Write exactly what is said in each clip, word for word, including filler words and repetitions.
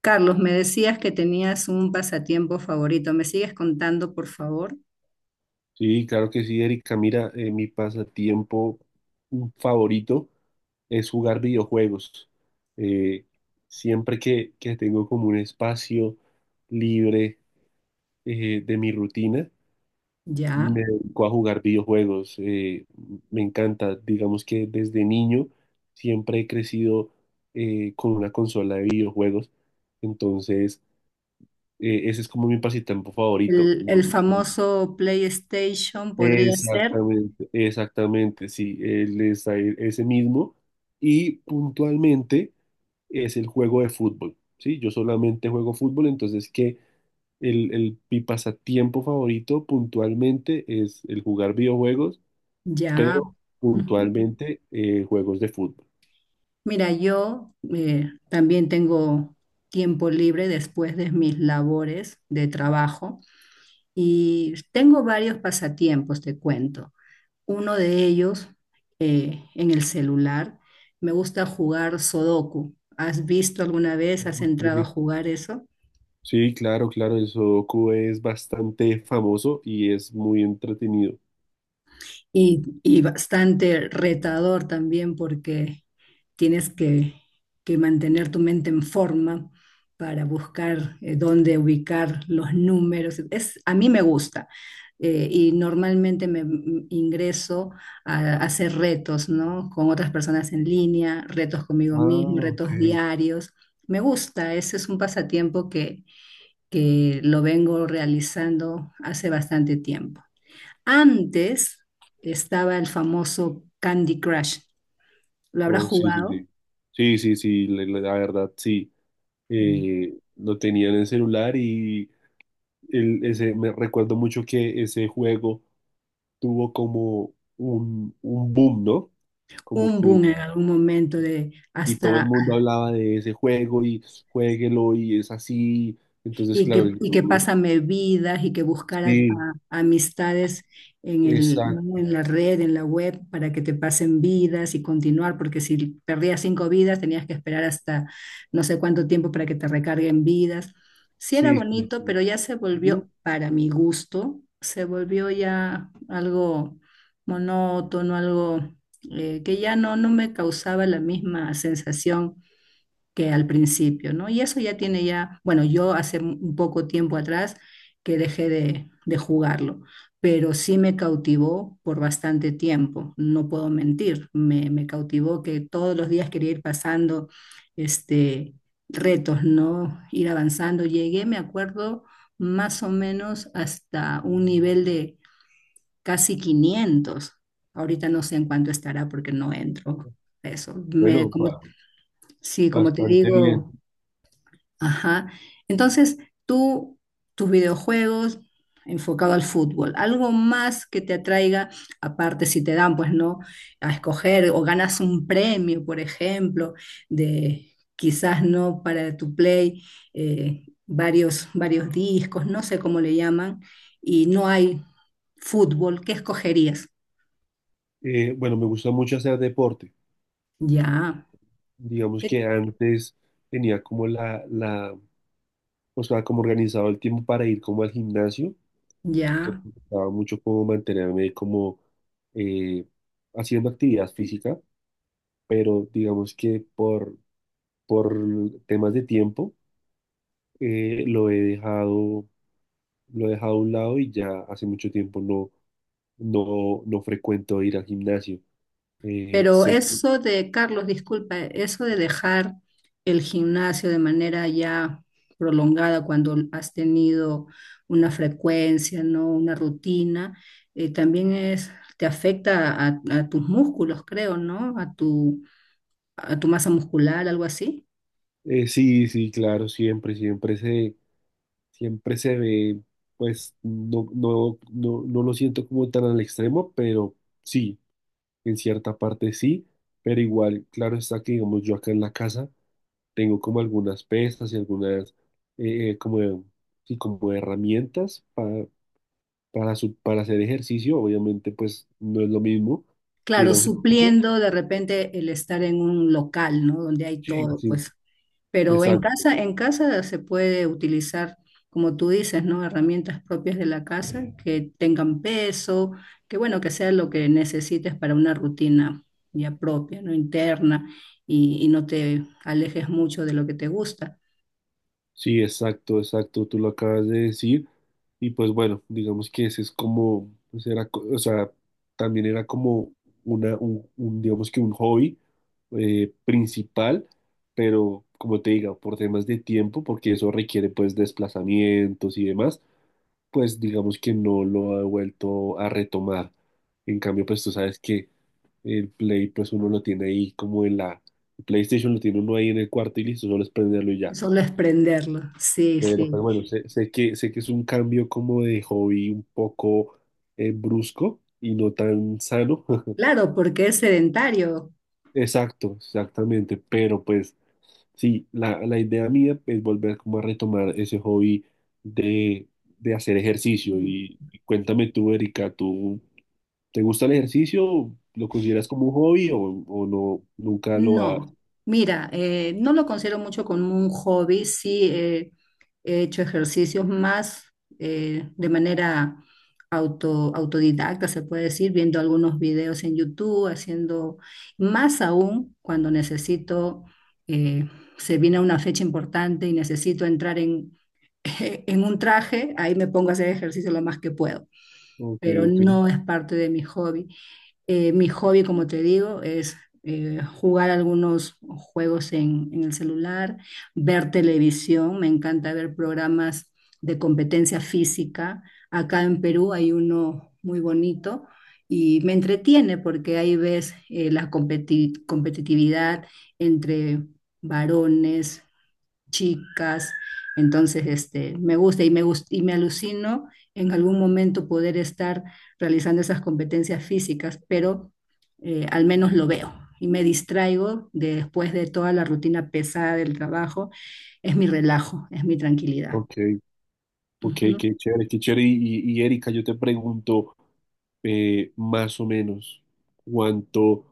Carlos, me decías que tenías un pasatiempo favorito. ¿Me sigues contando, por favor? Sí, claro que sí, Erika. Mira, eh, mi pasatiempo favorito es jugar videojuegos. Eh, siempre que, que tengo como un espacio libre eh, de mi rutina, Ya. me dedico a jugar videojuegos. Eh, me encanta. Digamos que desde niño siempre he crecido eh, con una consola de videojuegos. Entonces, eh, ese es como mi pasatiempo favorito. El, No, el no. famoso PlayStation podría ser. Exactamente, exactamente, sí, él es ahí- ese mismo y puntualmente es el juego de fútbol, ¿sí? Yo solamente juego fútbol, entonces que el, el, mi pasatiempo favorito puntualmente es el jugar videojuegos, Ya. pero Ujú. puntualmente eh, juegos de fútbol. Mira, yo eh, también tengo tiempo libre después de mis labores de trabajo y tengo varios pasatiempos, te cuento. Uno de ellos eh, en el celular. Me gusta jugar Sudoku. ¿Has visto alguna vez? ¿Has Ok. entrado a jugar eso? Sí, claro, claro, el Sudoku es bastante famoso y es muy entretenido. Y, y bastante retador también porque tienes que, que mantener tu mente en forma para buscar eh, dónde ubicar los números. Es, a mí me gusta eh, y normalmente me m- ingreso a, a hacer retos, ¿no? Con otras personas en línea, retos conmigo Ah, mismo, ok. retos diarios. Me gusta, ese es un pasatiempo que, que lo vengo realizando hace bastante tiempo. Antes estaba el famoso Candy Crush. ¿Lo habrás Oh, sí, sí, jugado? sí. Sí, sí, sí, la la la verdad, sí. eh, lo tenían en celular y el- ese, me recuerdo mucho que ese juego tuvo como un, un boom, ¿no? Como Un que, boom en algún momento de y todo el hasta mundo hablaba de ese juego y juéguelo y es así. Entonces, y claro, que, y que yo- pásame vidas y que buscara sí, a- amistades en el, ¿no?, exacto, en la red, en la web, para que te pasen vidas y continuar, porque si perdías cinco vidas tenías que esperar hasta no sé cuánto tiempo para que te recarguen vidas. Sí era sí, sí. bonito, pero Sí. ya se Ujú. volvió, para mi gusto, se volvió ya algo monótono, algo eh, que ya no, no me causaba la misma sensación que al principio, ¿no? Y eso ya tiene ya, bueno, yo hace un poco tiempo atrás que dejé de, de jugarlo, pero sí me cautivó por bastante tiempo, no puedo mentir, me, me cautivó que todos los días quería ir pasando este, retos, ¿no? Ir avanzando. Llegué, me acuerdo, más o menos hasta un nivel de casi quinientos. Ahorita no sé en cuánto estará porque no entro. A eso, me, Bueno, como, ba- sí, como te bastante bien. digo. Ajá. Entonces, tú, tus videojuegos enfocado al fútbol, algo más que te atraiga, aparte si te dan, pues no, a escoger o ganas un premio, por ejemplo, de quizás no para tu play, eh, varios, varios discos, no sé cómo le llaman, y no hay fútbol, ¿qué escogerías? Eh, bueno, me gusta mucho hacer deporte. Ya, Digamos ¿qué, que antes tenía como la, la, o sea, como organizado el tiempo para ir como al gimnasio. Entonces ya? me gustaba mucho como mantenerme como eh, haciendo actividad física, pero digamos que por, por temas de tiempo eh, lo he dejado, lo he dejado a un lado y ya hace mucho tiempo no, no, no frecuento ir al gimnasio. Eh, Pero sé- eso de, Carlos, disculpa, eso de dejar el gimnasio de manera ya prolongada cuando has tenido una frecuencia, ¿no? Una rutina, eh, también es, te afecta a, a tus músculos, creo, ¿no? A tu, a tu masa muscular, algo así. eh, sí, sí, claro, siempre, siempre se, siempre se ve, pues no, no, no, no lo siento como tan al extremo, pero sí. En cierta parte sí, pero igual, claro está que, digamos, yo acá en la casa tengo como algunas pestas y algunas, eh, eh, como, sí, como herramientas para, para, su- para hacer ejercicio. Obviamente, pues no es lo mismo que ir Claro, a un gimnasio. supliendo de repente el estar en un local, ¿no? Donde hay Sí, todo, sí, pues. Pero en exacto. casa, en casa se puede utilizar, como tú dices, ¿no? Herramientas propias de la casa que tengan peso, que bueno, que sea lo que necesites para una rutina ya propia, ¿no? Interna y, y no te alejes mucho de lo que te gusta. Sí, exacto, exacto, tú lo acabas de decir. Y pues bueno, digamos que ese es como, pues era, co- o sea, también era como una, un, un, digamos que un hobby eh, principal, pero como te digo, por temas de tiempo, porque eso requiere pues desplazamientos y demás, pues digamos que no lo he vuelto a retomar. En cambio, pues tú sabes que el Play, pues uno lo tiene ahí como en la, el PlayStation lo tiene uno ahí en el cuarto y listo, solo es prenderlo y ya. Solo es prenderlo. Sí, Pero, pero sí. bueno, sé, sé que, sé que es un cambio como de hobby un poco eh, brusco y no tan sano. Claro, porque es sedentario. Exacto, exactamente. Pero pues sí, la, la idea mía es volver como a retomar ese hobby de, de hacer ejercicio. Y, y cuéntame tú, Erika, ¿tú te gusta el ejercicio? ¿Lo consideras como un hobby o, o no, nunca lo has? No, mira, eh, no lo considero mucho como un hobby, sí eh, he hecho ejercicios más eh, de manera auto, autodidacta, se puede decir, viendo algunos videos en YouTube, haciendo más aún cuando necesito, eh, se viene una fecha importante y necesito entrar en, en un traje, ahí me pongo a hacer ejercicio lo más que puedo, Ok, pero no ok, es parte de mi hobby. Eh, mi hobby, como te digo, es eh, jugar algunos juegos en, en el celular, ver televisión, me encanta ver programas de competencia física. Acá en Perú hay uno muy bonito y me entretiene porque ahí ves eh, la competi- competitividad entre varones, chicas. Entonces, este, me gusta y me gus- y me alucino en algún momento poder estar realizando esas competencias físicas, pero eh, al menos lo veo y me distraigo de- después de toda la rutina pesada del trabajo. Es mi relajo, es mi tranquilidad. ok, ok, Ujú. qué chévere, qué chévere. Y, y y, Erika, yo te pregunto. eh, más o menos cuánto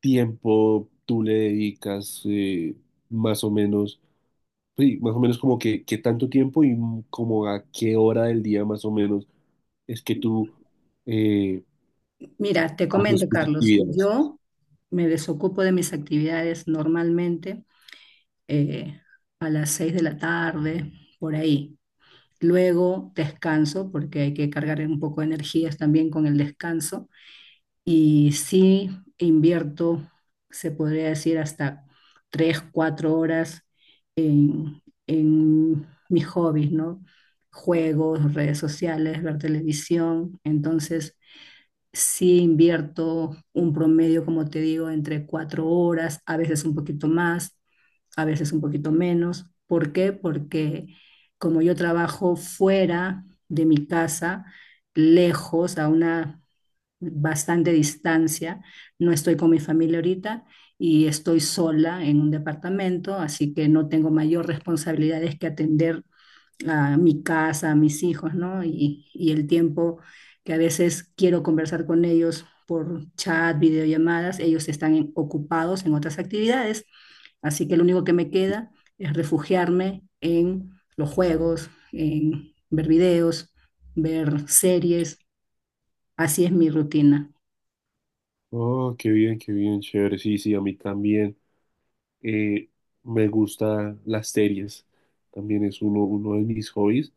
tiempo tú le dedicas, eh, más o menos, sí, más o menos como que, qué tanto tiempo y m- como a qué hora del día más o menos es que tú eh, Mira, te haces comento, tus Carlos, actividades. yo me desocupo de mis actividades normalmente eh, a las seis de la tarde, por ahí. Luego descanso, porque hay que cargar un poco de energías también con el descanso. Y sí invierto, se podría decir, hasta tres, cuatro horas en, en mis hobbies, ¿no? Juegos, redes sociales, ver televisión. Entonces, sí invierto un promedio, como te digo, entre cuatro horas, a veces un poquito más, a veces un poquito menos. ¿Por qué? Porque como yo trabajo fuera de mi casa, lejos, a una bastante distancia, no estoy con mi familia ahorita y estoy sola en un departamento, así que no tengo mayor responsabilidades que atender a mi casa, a mis hijos, ¿no? Y, y el tiempo que a veces quiero conversar con ellos por chat, videollamadas, ellos están en- ocupados en otras actividades, así que lo único que me queda es refugiarme en los juegos, en ver videos, ver series, así es mi rutina. Oh, qué bien, qué bien, chévere. Sí, sí, a mí también eh, me gustan las series. También es uno, uno de mis hobbies.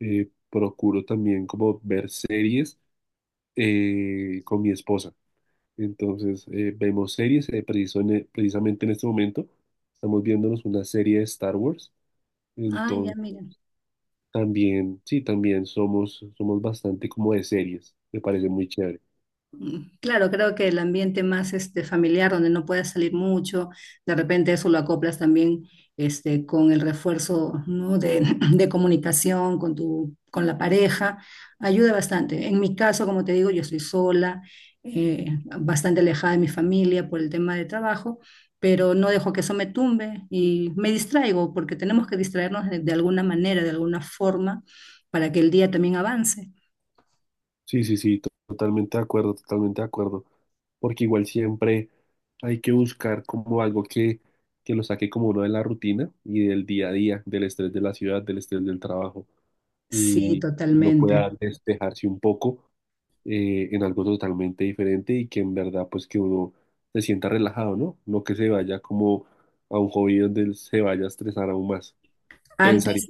Eh, procuro también como ver series eh, con mi esposa. Entonces, eh, vemos series, eh, preciso en e- precisamente en este momento estamos viéndonos una serie de Star Wars. Ah, ya Entonces, mira. también, sí, también somos, somos bastante como de series. Me parece muy chévere. Mm, claro, creo que el ambiente más este, familiar, donde no puedas salir mucho, de repente eso lo acoplas también este, con el refuerzo, ¿no? De, de comunicación con tu, con la pareja, ayuda bastante. En mi caso, como te digo, yo estoy sola, eh, bastante alejada de mi familia por el tema de trabajo, pero no dejo que eso me tumbe y me distraigo, porque tenemos que distraernos de de alguna manera, de alguna forma, para que el día también avance. Sí, sí, sí, to- totalmente de acuerdo, totalmente de acuerdo. Porque igual siempre hay que buscar como algo que, que lo saque como uno de la rutina y del día a día, del estrés de la ciudad, del estrés del trabajo. Sí, Y uno pueda totalmente. despejarse un poco eh, en algo totalmente diferente y que en verdad pues que uno se sienta relajado, ¿no? No que se vaya como a un hobby donde él se vaya a estresar aún más. Antes, Pensaría.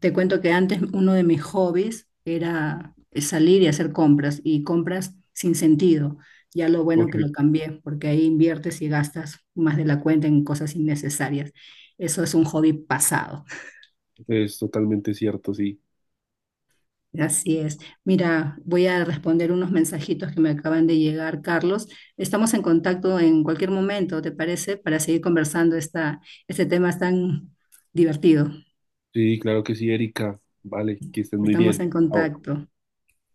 te cuento que antes uno de mis hobbies era salir y hacer compras y compras sin sentido. Ya lo bueno Ok, que lo cambié porque ahí inviertes y gastas más de la cuenta en cosas innecesarias. Eso es un hobby pasado. es totalmente cierto, sí. Así es. Mira, voy a responder unos mensajitos que me acaban de llegar, Carlos. Estamos en contacto en cualquier momento, ¿te parece? Para seguir conversando esta, este tema es tan divertido. Sí, claro que sí, Erika. Vale, que estés muy Estamos bien. en Chao. contacto.